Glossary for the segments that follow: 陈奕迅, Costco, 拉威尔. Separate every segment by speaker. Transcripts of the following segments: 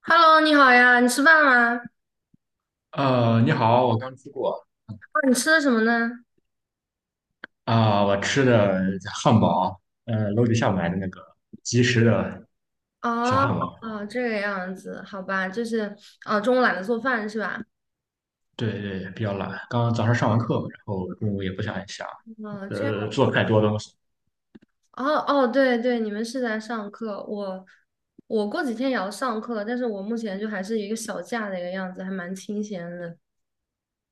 Speaker 1: Hello，你好呀，你吃饭吗？
Speaker 2: 你好，我刚吃过。
Speaker 1: 哦，你吃的什么呢？
Speaker 2: 我吃的汉堡，楼底下买的那个即食的小
Speaker 1: 哦，
Speaker 2: 汉堡。
Speaker 1: 哦，这个样子，好吧，就是哦，中午懒得做饭是吧？
Speaker 2: 对对，比较懒。刚刚早上上完课，然后中午也不想，
Speaker 1: 哦，这样，
Speaker 2: 做太多东西。
Speaker 1: 哦哦，对对，你们是在上课，我过几天也要上课，但是我目前就还是一个小假的一个样子，还蛮清闲的，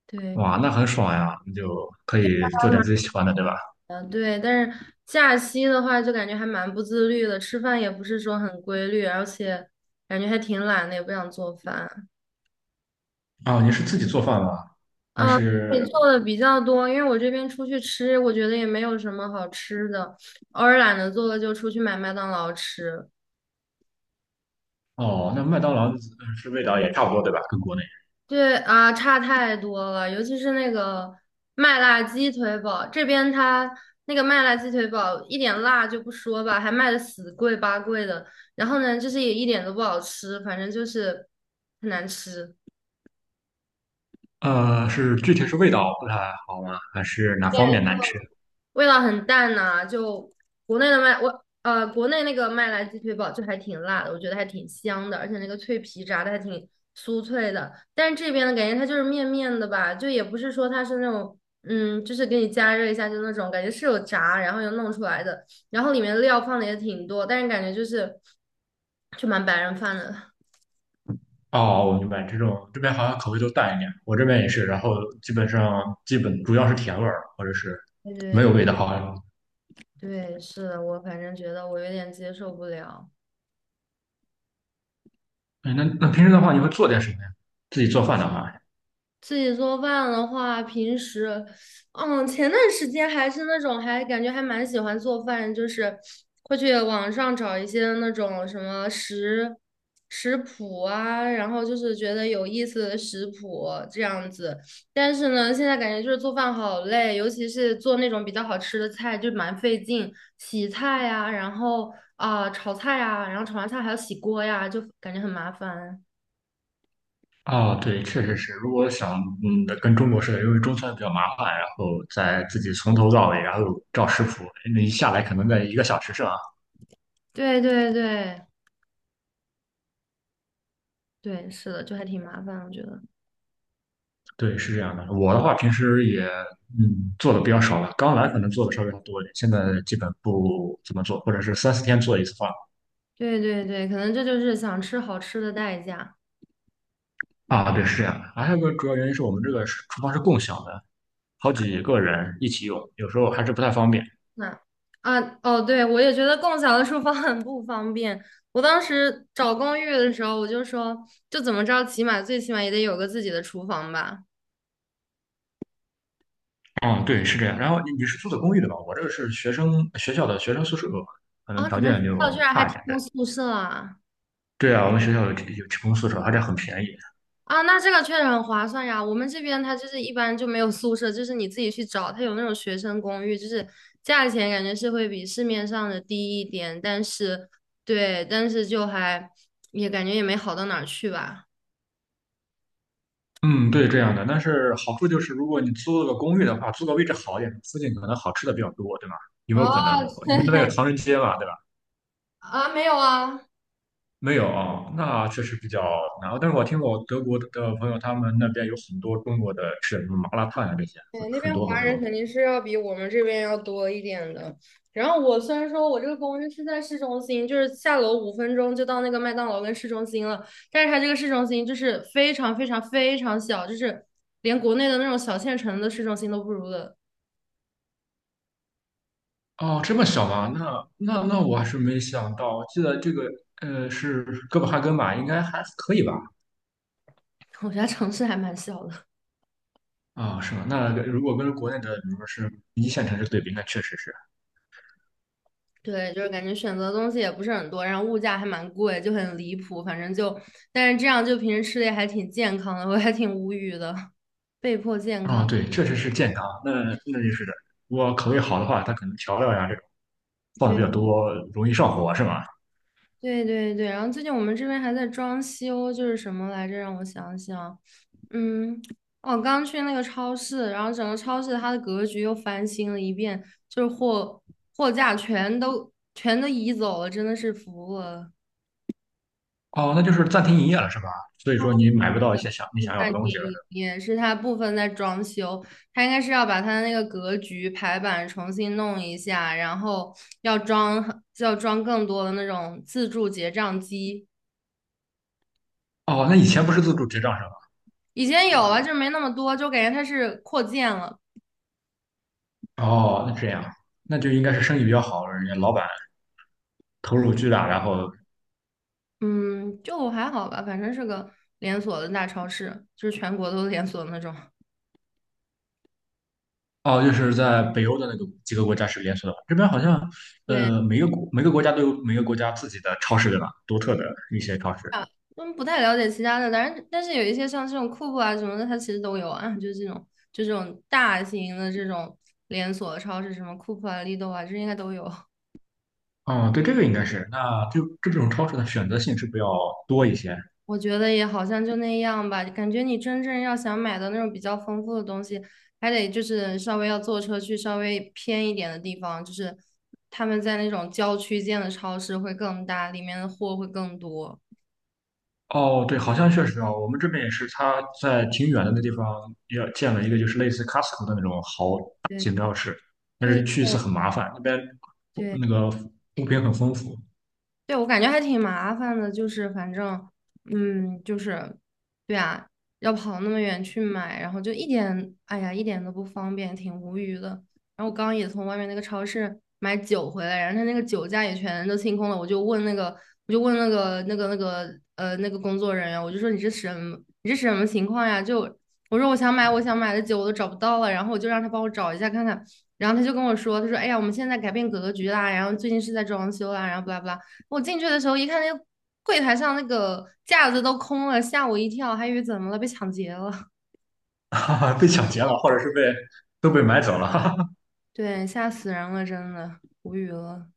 Speaker 1: 对，
Speaker 2: 哇，那很爽呀，你就可以做
Speaker 1: 还
Speaker 2: 点
Speaker 1: 蛮
Speaker 2: 自己喜欢的，对吧？
Speaker 1: 对，但是假期的话就感觉还蛮不自律的，吃饭也不是说很规律，而且感觉还挺懒的，也不想做饭。
Speaker 2: 哦，你是自己做饭吗？还
Speaker 1: 啊，你
Speaker 2: 是
Speaker 1: 做的比较多，因为我这边出去吃，我觉得也没有什么好吃的，偶尔懒得做了就出去买麦当劳吃。
Speaker 2: 哦，那麦当劳是味道也差不多，对吧？跟国内。
Speaker 1: 对啊，差太多了，尤其是那个麦辣鸡腿堡，这边它那个麦辣鸡腿堡一点辣就不说吧，还卖的死贵八贵的，然后呢，就是也一点都不好吃，反正就是很难吃。
Speaker 2: 是具体是味道不太好吗？还是哪方面难吃？
Speaker 1: 味道很淡呐、就国内的国内那个麦来鸡腿堡就还挺辣的，我觉得还挺香的，而且那个脆皮炸的还挺酥脆的。但是这边的感觉它就是面面的吧，就也不是说它是那种就是给你加热一下就那种感觉是有炸，然后又弄出来的，然后里面料放的也挺多，但是感觉就是就蛮白人饭的。
Speaker 2: 哦，我明白，这种这边好像口味都淡一点，我这边也是，然后基本主要是甜味儿，或者是
Speaker 1: 对
Speaker 2: 没有
Speaker 1: 对
Speaker 2: 味道，好像。
Speaker 1: 对，是的，我反正觉得我有点接受不了。
Speaker 2: 哎，那那平时的话，你会做点什么呀？自己做饭的话。
Speaker 1: 自己做饭的话，平时，前段时间还是那种，还感觉还蛮喜欢做饭，就是会去网上找一些那种什么食谱啊，然后就是觉得有意思的食谱这样子。但是呢，现在感觉就是做饭好累，尤其是做那种比较好吃的菜，就蛮费劲，洗菜呀，然后啊、炒菜呀，然后炒完菜还要洗锅呀，就感觉很麻烦。
Speaker 2: 哦，对，确实是，如果想跟中国似的，因为中餐比较麻烦，然后再自己从头到尾，然后照食谱，那一下来可能在一个小时上。
Speaker 1: 对对对。对，是的，就还挺麻烦，我觉得。
Speaker 2: 对，是这样的。我的话，平时也做的比较少了，刚来可能做的稍微多一点，现在基本不怎么做，或者是三四天做一次饭。
Speaker 1: 对对对，可能这就是想吃好吃的代价。
Speaker 2: 啊，对，是这样的。啊，还有一个主要原因是我们这个是厨房是共享的，好几个人一起用，有时候还是不太方便。
Speaker 1: 那啊，哦，对，我也觉得共享的厨房很不方便。我当时找公寓的时候，我就说，就怎么着，起码最起码也得有个自己的厨房吧。
Speaker 2: 嗯，对，是这样。然后你是租的公寓对吧？我这个是学生学校的学生宿舍，可能
Speaker 1: 哦，
Speaker 2: 条
Speaker 1: 你们学
Speaker 2: 件就
Speaker 1: 校居然还
Speaker 2: 差一
Speaker 1: 提
Speaker 2: 点。
Speaker 1: 供宿舍啊？
Speaker 2: 对，对啊，我们学校有提供宿舍，而且很便宜。
Speaker 1: 啊，那这个确实很划算呀。我们这边它就是一般就没有宿舍，就是你自己去找，它有那种学生公寓，就是价钱感觉是会比市面上的低一点，但是对，但是就还也感觉也没好到哪儿去吧。
Speaker 2: 嗯，对，这样的。但是好处就是，如果你租了个公寓的话，租个位置好一点，附近可能好吃的比较多，对吗？有没
Speaker 1: 啊
Speaker 2: 有可能？你们那边有唐人街吧？对吧？
Speaker 1: 啊，没有啊。
Speaker 2: 没有啊，那确实比较难。但是我听我德国的朋友，他们那边有很多中国的吃什么麻辣烫呀、这些，
Speaker 1: 对，那
Speaker 2: 很
Speaker 1: 边
Speaker 2: 多很
Speaker 1: 华人
Speaker 2: 多。
Speaker 1: 肯定是要比我们这边要多一点的。然后我虽然说我这个公寓是在市中心，就是下楼5分钟就到那个麦当劳跟市中心了，但是它这个市中心就是非常非常非常小，就是连国内的那种小县城的市中心都不如的。
Speaker 2: 哦，这么小吗？那我还是没想到。我记得这个是哥本哈根吧，应该还可以吧？
Speaker 1: 我家城市还蛮小的，
Speaker 2: 啊、是吗？那如果跟国内的，比如说是一线城市对比，那确实是。
Speaker 1: 对，就是感觉选择的东西也不是很多，然后物价还蛮贵，就很离谱。反正就，但是这样就平时吃的也还挺健康的，我还挺无语的，被迫健
Speaker 2: 啊、
Speaker 1: 康。
Speaker 2: 对，确实是健康。那那就是的。我口味好的话，它可能调料呀这种放的比较多，容易上火，是吗？
Speaker 1: 对对对，然后最近我们这边还在装修，就是什么来着？让我想想，嗯，哦，刚去那个超市，然后整个超市它的格局又翻新了一遍，就是货架全都移走了，真的是服了。
Speaker 2: 哦，那就是暂停营业了是吧？所以说你买不到一些想你想要
Speaker 1: 半
Speaker 2: 的东
Speaker 1: 天
Speaker 2: 西了。
Speaker 1: 一夜是它部分在装修，它应该是要把它的那个格局排版重新弄一下，然后要装更多的那种自助结账机。
Speaker 2: 哦，那以前不是自助结账是吧？
Speaker 1: 以前有啊，就是没那么多，就感觉它是扩建了。
Speaker 2: 哦，那这样，那就应该是生意比较好，人家老板投入巨大，然后
Speaker 1: 嗯，就还好吧，反正是个连锁的大超市，就是全国都连锁的那种。
Speaker 2: 哦，就是在北欧的那个几个国家是连锁的，这边好像
Speaker 1: 对，
Speaker 2: 每个每个国家都有每个国家自己的超市对吧？独特的一些超市。
Speaker 1: 啊，不太了解其他的，但是有一些像这种库酷啊什么的，它其实都有啊，就是这种就这种大型的这种连锁超市，什么库酷啊、利豆啊，这应该都有。
Speaker 2: 哦，对，这个应该是，那就这种超市的选择性是不是要多一些？
Speaker 1: 我觉得也好像就那样吧，感觉你真正要想买到那种比较丰富的东西，还得就是稍微要坐车去稍微偏一点的地方，就是他们在那种郊区建的超市会更大，里面的货会更多。
Speaker 2: 哦，对，好像确实啊，我们这边也是，他在挺远的那地方也建了一个，就是类似 Costco 的那种好大
Speaker 1: 对
Speaker 2: 型超市，但
Speaker 1: 对
Speaker 2: 是去一次很麻烦，那边
Speaker 1: 对，
Speaker 2: 那个物品很丰富。
Speaker 1: 对，我感觉还挺麻烦的，就是反正，嗯，就是，对啊，要跑那么远去买，然后就一点，哎呀，一点都不方便，挺无语的。然后我刚刚也从外面那个超市买酒回来，然后他那个酒架也全都清空了，我就问那个，我就问那个工作人员，我就说你这什么情况呀？就我说我想买的酒我都找不到了，然后我就让他帮我找一下看看，然后他就跟我说，他说哎呀，我们现在改变格局啦，然后最近是在装修啦，然后巴拉巴拉。我进去的时候一看，那个柜台上那个架子都空了，吓我一跳，还以为怎么了，被抢劫了。
Speaker 2: 哈哈，被抢劫了，或者是被都被买走了，哈哈。
Speaker 1: 对，吓死人了，真的无语了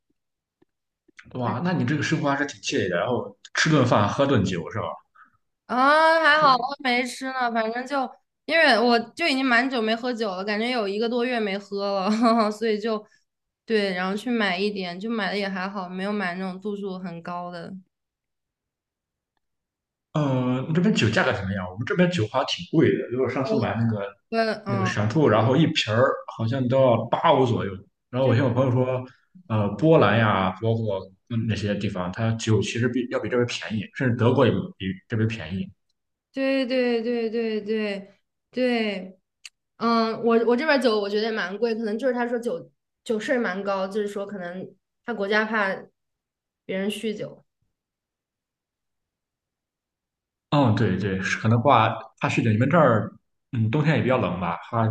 Speaker 2: 哇，那你这个生活还是挺惬意的，然后吃顿饭，喝顿酒是吧？
Speaker 1: 啊！还好我
Speaker 2: 是。
Speaker 1: 没吃呢，反正就因为我就已经蛮久没喝酒了，感觉有1个多月没喝了，所以就对，然后去买一点，就买的也还好，没有买那种度数很高的。
Speaker 2: 这边酒价格怎么样？我们这边酒好像挺贵的，因为我上次买那个
Speaker 1: 对，
Speaker 2: 那个
Speaker 1: 嗯，
Speaker 2: 闪兔，然后一瓶儿好像都要8欧左右。然后我听我朋友说，波兰呀，包括那些地方，它酒其实比要比这边便宜，甚至德国也比这边便宜。
Speaker 1: 对对对对对对对。我我这边酒我觉得也蛮贵，可能就是他说酒酒税蛮高，就是说可能他国家怕别人酗酒。
Speaker 2: 嗯，对对，是可能话怕是的，你们这儿冬天也比较冷吧？怕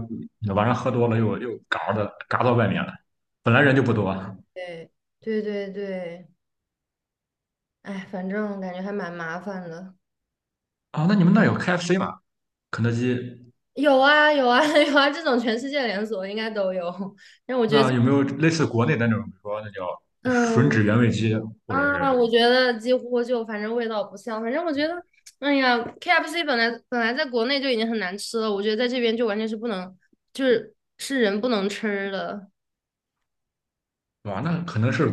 Speaker 2: 晚上喝多了又嘎的嘎到外面了，本来人就不多啊。
Speaker 1: 对对对对对，哎，反正感觉还蛮麻烦的。
Speaker 2: 那你们那儿有 KFC 吗？肯德基？
Speaker 1: 有啊有啊 有啊，这种全世界连锁应该都有。但我觉得
Speaker 2: 那
Speaker 1: 这
Speaker 2: 有没有类似国内的那种，比如说那叫吮
Speaker 1: 嗯
Speaker 2: 指原味鸡，或者是
Speaker 1: 啊，我觉得几乎就反正味道不像，反正我觉得，哎呀，KFC 本来在国内就已经很难吃了，我觉得在这边就完全是不能，就是是人不能吃的。
Speaker 2: 哇，那可能是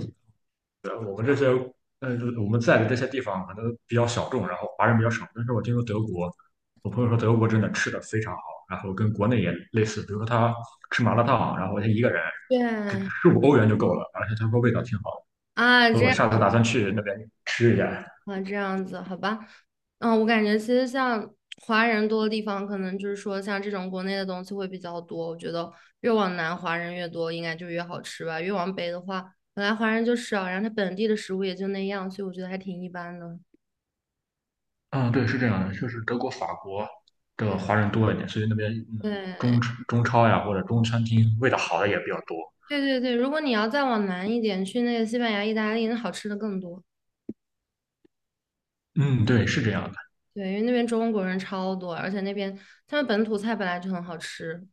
Speaker 2: 我们这些呃我们在的这些地方可能比较小众，然后华人比较少。但是我听说德国，我朋友说德国真的吃的非常好，然后跟国内也类似，比如说他吃麻辣烫，然后他一个人只
Speaker 1: 对，
Speaker 2: 15欧元就够了，而且他说味道挺好
Speaker 1: 啊，
Speaker 2: 的。
Speaker 1: 这
Speaker 2: 我
Speaker 1: 样
Speaker 2: 下次打算去那边吃一下。
Speaker 1: 啊，这样子，好吧。我感觉其实像华人多的地方，可能就是说像这种国内的东西会比较多。我觉得越往南华人越多，应该就越好吃吧。越往北的话，本来华人就少，然后他本地的食物也就那样，所以我觉得还挺一般的。
Speaker 2: 嗯，对，是这样的，就是德国、法国的
Speaker 1: 对
Speaker 2: 华人多一点，所以那边
Speaker 1: 对
Speaker 2: 中超呀或者中餐厅味道好的也比较多。
Speaker 1: 对对对，如果你要再往南一点，去那个西班牙、意大利，那好吃的更多。
Speaker 2: 嗯，对，是这样的。
Speaker 1: 对，因为那边中国人超多，而且那边他们本土菜本来就很好吃，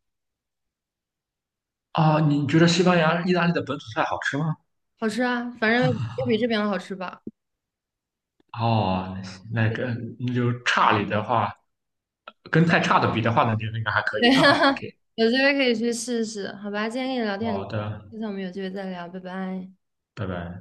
Speaker 2: 啊，你觉得西班牙、意大利的本土菜好吃吗？
Speaker 1: 好吃啊，反正要比这边的好吃吧。
Speaker 2: 哦，那个那就差里的话，跟太差的比的话，那就应该还可
Speaker 1: 对，
Speaker 2: 以，哈哈。OK,
Speaker 1: 有机会可以去试试，好吧？今天跟你聊天很
Speaker 2: 好
Speaker 1: 高
Speaker 2: 的，
Speaker 1: 兴，下次我们有机会再聊，拜拜。
Speaker 2: 拜拜。